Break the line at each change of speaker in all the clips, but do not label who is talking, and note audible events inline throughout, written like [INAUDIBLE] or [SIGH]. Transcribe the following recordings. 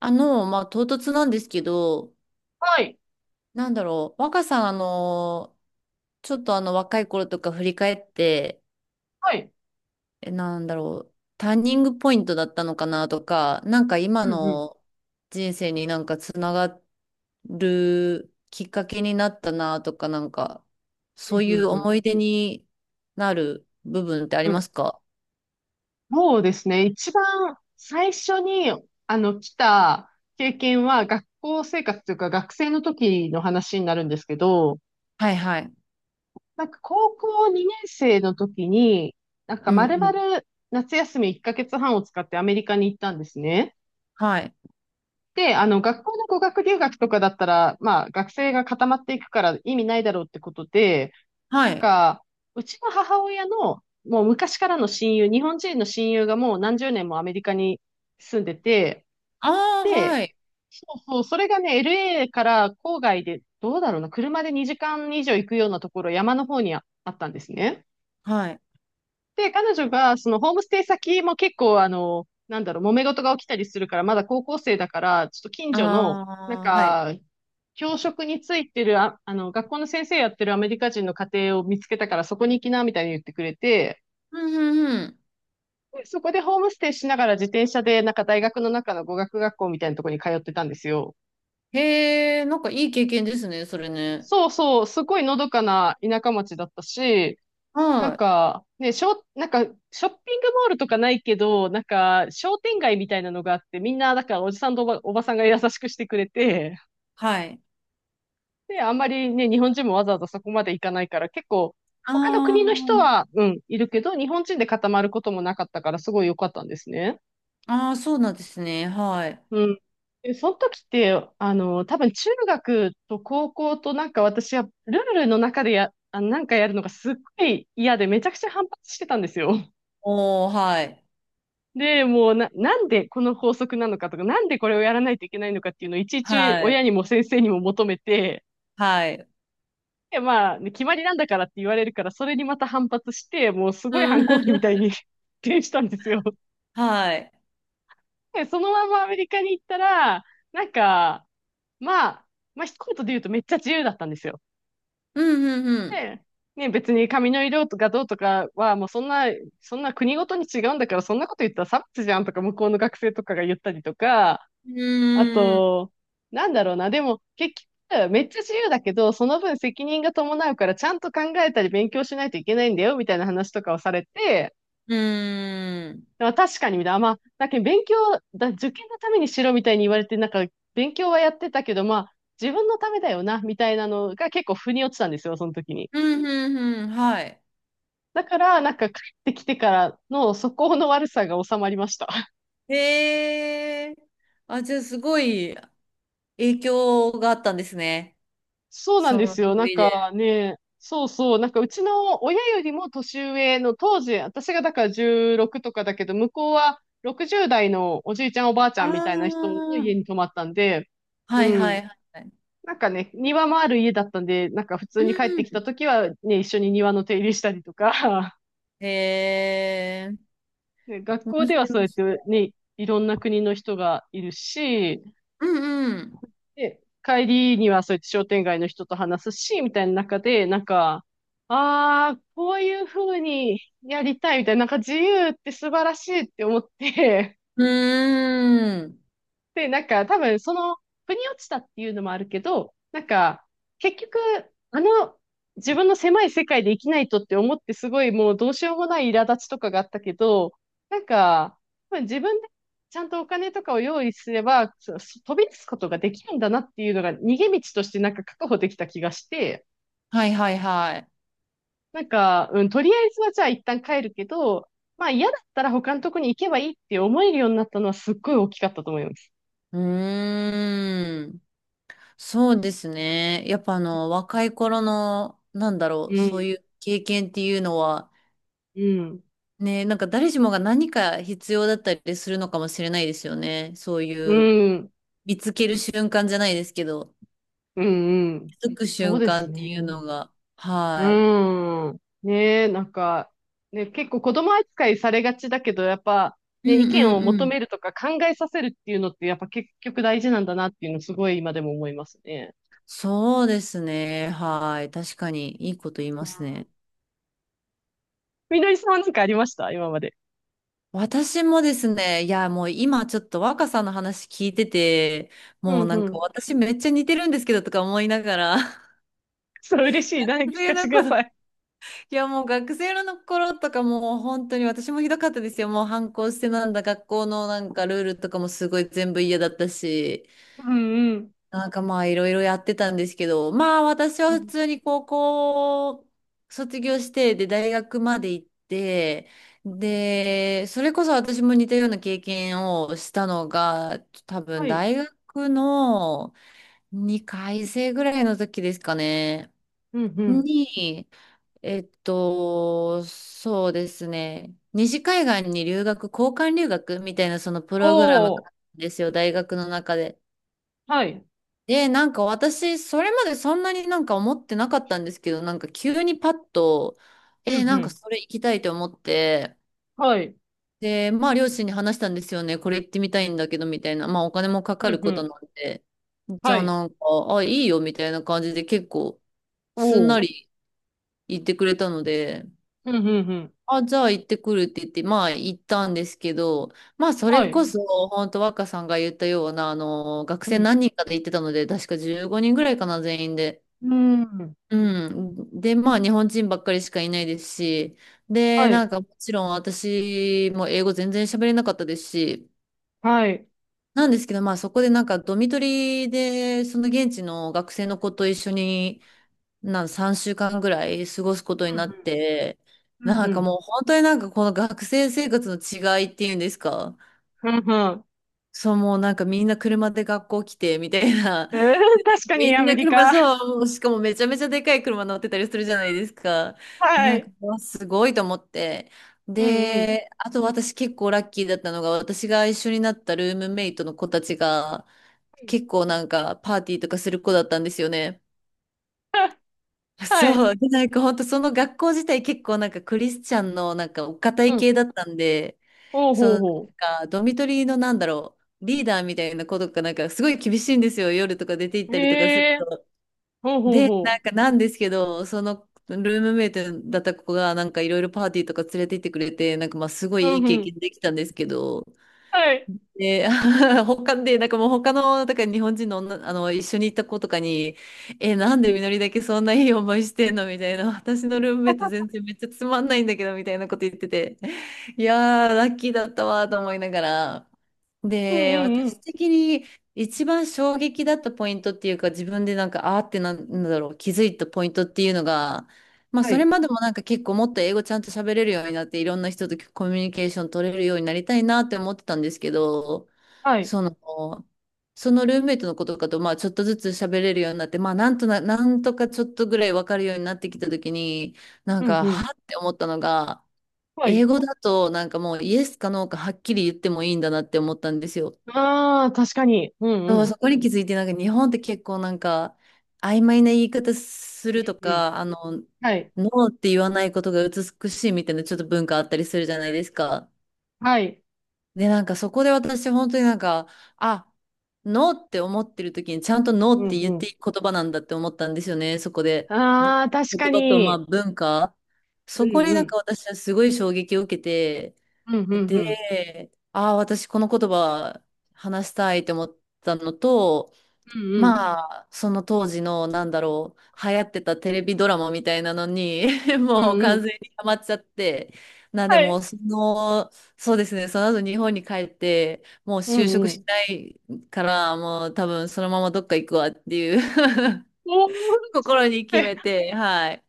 唐突なんですけど、
はい。
若さん、あの、ちょっとあの、若い頃とか振り返って、
はい。
えなんだろう、ターニングポイントだったのかなとか、今
うんうん。
の人生につながるきっかけになったなとか、
う
そ
ん
うい
う
う
んうん
思い出になる部分ってあり
う
ま
ん。
すか？
そうですね。一番最初に、来た経験は、学校生活というか、学生の時の話になるんですけど、
はいはい。
なんか高校2年生の時に、なんか
うん
丸
うん。
々夏休み1ヶ月半を使ってアメリカに行ったんですね。
はい。
で、学校の語学留学とかだったら、まあ、学生が固まっていくから意味ないだろうってことで、
は
なん
い。
か、うちの母親の、もう昔からの親友、日本人の親友がもう何十年もアメリカに住んでて、
ああ、は
で、
い。
そうそう、それがね、LA から郊外で、どうだろうな、車で2時間以上行くようなところ、山の方にああったんですね。
はい。
で、彼女が、そのホームステイ先も結構、なんだろう、揉め事が起きたりするから、まだ高校生だから、ちょっと近所の、なん
ああ、はい。
か、教職についてる、学校の先生やってるアメリカ人の家庭を見つけたから、そこに行きな、みたいに言ってくれて、
うんうんうん。
でそこでホームステイしながら自転車で、なんか大学の中の語学学校みたいなところに通ってたんですよ。
へえ、なんかいい経験ですね、それね。
そうそう、すごいのどかな田舎町だったし、な
は
ん
い。
か、ね、なんか、ショッピングモールとかないけど、なんか、商店街みたいなのがあって、みんな、だから、おじさんとおばさんが優しくしてくれて、
はい。
で、あんまりね、日本人もわざわざそこまで行かないから、結構、他の国の人
あ
は、うん、いるけど、日本人で固まることもなかったから、すごい良かったんですね。
あ、ああ、そうなんですね。はい。
うん。で、その時って、多分中学と高校となんか私はルールの中でなんかやるのがすっごい嫌でめちゃくちゃ反発してたんですよ。
おー、はい。
で、もうなんでこの法則なのかとか、なんでこれをやらないといけないのかっていうのをいちいち
は
親
い。
にも先生にも求めて、
はい。
で、まあ、ね決まりなんだからって言われるから、それにまた反発して、もうす
[LAUGHS]
ごい反
う
抗期みた
ん。
いに [LAUGHS] 転したんですよ。
[LAUGHS] はい。
で、そのままアメリカに行ったら、なんか、まあ、まあ、一言で言うとめっちゃ自由だったんですよ。
うん、うん、
で、ね、別に髪の色とかどうとかは、もうそんな国ごとに違うんだから、そんなこと言ったら差別じゃんとか、向こうの学生とかが言ったりとか、
う
あ
ん。うーん。
と、なんだろうな。でも、結局、めっちゃ自由だけど、その分責任が伴うから、ちゃんと考えたり勉強しないといけないんだよ、みたいな話とかをされて、
うーん。
まあ、確かに、みたいな。まあ、だけど勉強だ、受験のためにしろ、みたいに言われて、なんか、勉強はやってたけど、まあ、自分のためだよな、みたいなのが結構腑に落ちたんですよ、その時に。
うん、うん、うん。はい。
だから、なんか、帰ってきてからの素行の悪さが収まりました。
へえ。あ、じゃあ、すごい影響があったんですね。
そうなん
そ
で
の
すよ。なん
旅
か
で。
ね、そうそう。なんかうちの親よりも年上の当時、私がだから16とかだけど、向こうは60代のおじいちゃんおばあち
あ
ゃんみたいな人の家に
あ、
泊まったんで、う
はい、は
ん。
い、はい。
なんかね、庭もある家だったんで、なんか普
う
通に帰ってきた
ん。
時はね、一緒に庭の手入れしたりとか、
へえ。
[LAUGHS] ね、学
面
校ではそう
白
やって
そ
ね、いろんな国の人がいるし、
う。うんうん。
で、帰りにはそうやって商店街の人と話すし、みたいな中で、なんか、ああ、こういう風にやりたいみたいな、なんか自由って素晴らしいって思って、
うーん。
で、なんか多分その、腑に落ちたっていうのもあるけど、なんか、結局、あの、自分の狭い世界で生きないとって思ってすごいもうどうしようもない苛立ちとかがあったけど、なんか、多分自分でちゃんとお金とかを用意すれば、そそ飛び出すことができるんだなっていうのが逃げ道としてなんか確保できた気がして、
はいはいはい。
なんか、うん、とりあえずはじゃあ一旦帰るけど、まあ嫌だったら他のとこに行けばいいって思えるようになったのはすっごい大きかったと思います。
うーん。そうですね。やっぱ若い頃の、
う
そう
ん、
いう経験っていうのは、
うん。
ね、なんか誰しもが何か必要だったりするのかもしれないですよね。そう
う
いう、
ん。
見つける瞬間じゃないですけど、
うんうん。
気づく
そう
瞬
で
間っ
す
ていう
ね。
のが。はい。
うん。ねえ、なんか、ね、結構子供扱いされがちだけど、やっぱ、
う
ね、意
ん
見
う
を
んう
求
ん。
めるとか考えさせるっていうのって、やっぱ結局大事なんだなっていうの、すごい今でも思いますね。
そうですね。はい。確かに、いいこと言いま
う
す
ん
ね。
みのりさんは何かありました今まで？
私もですね、いや、もう今ちょっと若さんの話聞いてて、
う
もう
ん
な
う
んか
ん。
私めっちゃ似てるんですけどとか思いながら、[LAUGHS]
それ嬉しいな。
学
聞
生
かせ
の
てくだ
頃、い
さい。
やもう学生の頃とかもう本当に私もひどかったですよ。もう反抗してなんだ、学校のなんかルールとかもすごい全部嫌だったし。
うんうん。
なんかまあいろいろやってたんですけど、まあ私は
う
普
ん
通に高校卒業して、で大学まで行って、
うん
で、それこそ私も似たような経験をしたのが、多分
はい。
大学の2回生ぐらいの時ですかね。
うんうん。
に、えっと、そうですね。西海岸に留学、交換留学みたいなそのプ
お
ログラムがあ
お。
るんですよ、大学の中で。
はい。
で、なんか私、それまでそんなになんか思ってなかったんですけど、なんか急にパッと、
うんう
なんか
ん。
それ行きたいと思って、
はい。
で、まあ両親に話したんですよね、これ行ってみたいんだけど、みたいな、まあお金もか
う
か
ん
る
う
ことな
ん。
んで、じ
は
ゃあ
い。
なんか、あ、いいよ、みたいな感じで結構、
お
すんな
お。
り言ってくれたので、
うんうんうん。
あ、じゃあ行ってくるって言って、まあ行ったんですけど、まあそ
は
れこ
い。
そ、本当若さんが言ったような、学
う
生
ん
何人かで行ってたので、確か15人ぐらいかな、全員で。
うん。
うん。で、まあ、日本人ばっかりしかいないですし、で、
は
な
い。
んか、もちろん私も英語全然喋れなかったですし、
はい。
なんですけど、まあ、そこでなんか、ドミトリで、その現地の学生の子と一緒に、3週間ぐらい過ごすことに
うん
なって、
うん。うん
なん
う
か
ん。
もう、本当になんか、この学生生活の違いっていうんですか、
うんうん。
そう、もうなんか、みんな車で学校来て、みたいな、
うん確かに
み
ア
ん
メ
な
リ
車、
カ。
そう、しかもめちゃめちゃでかい車乗ってたりするじゃないですか。で、
は
なんか、
い。
うわすごいと思って。
うんうん。
で、あと私結構ラッキーだったのが、私が一緒になったルームメイトの子たちが、結構なんかパーティーとかする子だったんですよね。
はい。
そう。で、なんか本当その学校自体結構なんかクリスチャンのなんかお堅
う
い系
ん。
だったんで、
おう
その
ほう
なん
ほ
かドミトリーのリーダーみたいな子とかなんかすごい厳しいんですよ。夜とか出て行っ
う。
たりとかする
へえー。
と。
ほうほう
で、なん
ほ
かなんですけど、そのルームメイトだった子がなんかいろいろパーティーとか連れて行ってくれて、なんかまあすご
う。う
いい
ん
い経
うん。
験できたんですけど、
はい。
で、[LAUGHS] 他で、なんかもう他の、だから日本人の女、一緒に行った子とかに、え、
うん
なんでみのりだけそんないい [LAUGHS] 思いしてんのみたいな、[LAUGHS] 私のルームメイト全
[LAUGHS]
然めっちゃつまんないんだけど、みたいなこと言ってて、[LAUGHS] いやー、ラッキーだったわと思いながら、
う
で、
んう
私
ん。
的に一番衝撃だったポイントっていうか、自分でなんか、あーってなんなんだろう、気づいたポイントっていうのが、まあ、
は
それ
い。
までもなんか結構もっと英語ちゃんと喋れるようになって、いろんな人とコミュニケーション取れるようになりたいなって思ってたんですけど、
はい。
その、そのルームメイトの子とかと、まあ、ちょっとずつ喋れるようになって、まあ、なんとかちょっとぐらいわかるようになってきたときに、なん
うん
か、
うん。
はって思ったのが、
はい。
英語だとなんかもうイエスかノーかはっきり言ってもいいんだなって思ったんですよ。
ああ、確かに。うん
そ
う
う
ん。
そこに気づいてなんか日本って結構なんか曖昧な言い方すると
うんうん。
か、
はい。
ノーって言わないことが美しいみたいなちょっと文化あったりするじゃないですか。
はい。
で、なんかそこで私本当になんか、あ、ノーって思ってる時にちゃんとノー
う
っ
ん
て
う
言って
ん。
いい言葉なんだって思ったんですよね、そこで。で、
ああ、確
言
か
葉とまあ
に。
文化。
う
そこ
ん
に
う
なんか
ん。
私はすごい衝撃を受けて、
うんうんうん。
で、ああ、私この言葉話したいって思ったのと、
うんうん。
まあ、その当時の、流行ってたテレビドラマみたいなのに [LAUGHS]
う
もう
んう
完
ん。
全にハマっちゃって、なんで
は
も
い。
う、そうですね、その後日本に帰って、もう
う
就職
んう
し
ん。
ないから、もう多分そのままどっか行くわっていう
おーっ
[LAUGHS] 心に決
て
めて、はい。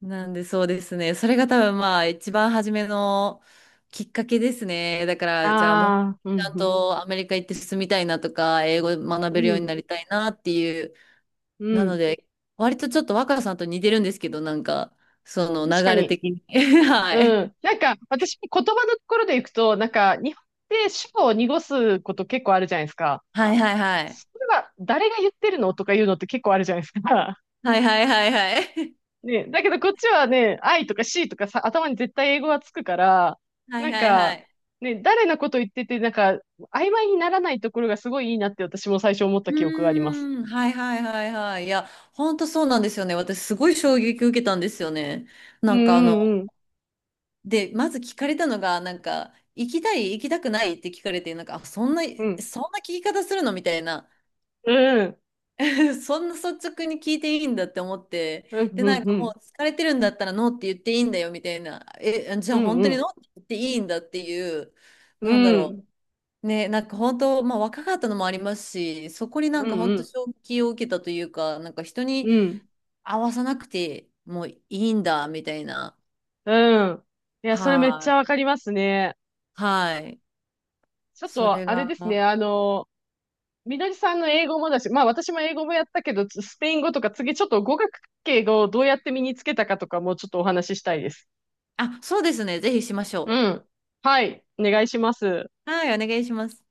なんでそうですね。それが多分まあ一番初めのきっかけですね。だか
あ
らじゃあもうち
あ、う
ゃ
ん、
ん
うん、
とアメリカ行って進みたいなとか、英語学
う
べるように
ん、
なりたいなっていう。
う
なの
ん。
で、割とちょっと若さんと似てるんですけど、なんか、その流
確か
れ
に。
的に。[LAUGHS] はい。
うん。なんか、私、言葉のところでいくと、なんか、日本って主語を濁すこと結構あるじゃないですか。
はいはいはい。
それは、誰が言ってるのとか言うのって結構あるじゃないですか。
はいはいはいはい。
[LAUGHS] ね、だけどこっちはね、I とか C とかさ、頭に絶対英語がつくから、
[LAUGHS] は
な
い
ん
はいは
か、
い。
ね、誰のこと言ってて、なんか、曖昧にならないところがすごいいいなって私も最初思っ
う
た記憶があります。
ーん。はいはいはいはい。いや、ほんとそうなんですよね。私すごい衝撃受けたんですよね。
う
なんかあの、
んうん
で、まず聞かれたのが、なんか、行きたい、行きたくないって聞かれて、なんか、あ、
うん。
そんな聞き方するのみたいな、
うん。うん。
[LAUGHS] そんな率直に聞いていいんだって思って、
うん
で、
う
な
ん
ん
う
かも
ん。
う疲れてるんだったらノーって言っていいんだよみたいな、え、じゃ
う
あ
ん
本
う
当にノ
ん。
ーって言っていいんだっていう、
う
なんだろ
ん。
う。ね、なんか本当、まあ若かったのもありますし、そこにな
う
んか
んう
本当
ん。
衝撃を受けたというか、なんか人に
うん。
合わさなくてもいいんだみたいな。
うん。いや、それめっ
は
ちゃ
い。
わかりますね。
はい。
ちょっ
それ
と、あれ
が。
ですね。みどりさんの英語もだし、まあ私も英語もやったけど、スペイン語とか次ちょっと語学系をどうやって身につけたかとかもちょっとお話ししたいです。
あ、そうですね。ぜひしましょ
うん。はい。お願いします。
う。はい、お願いします。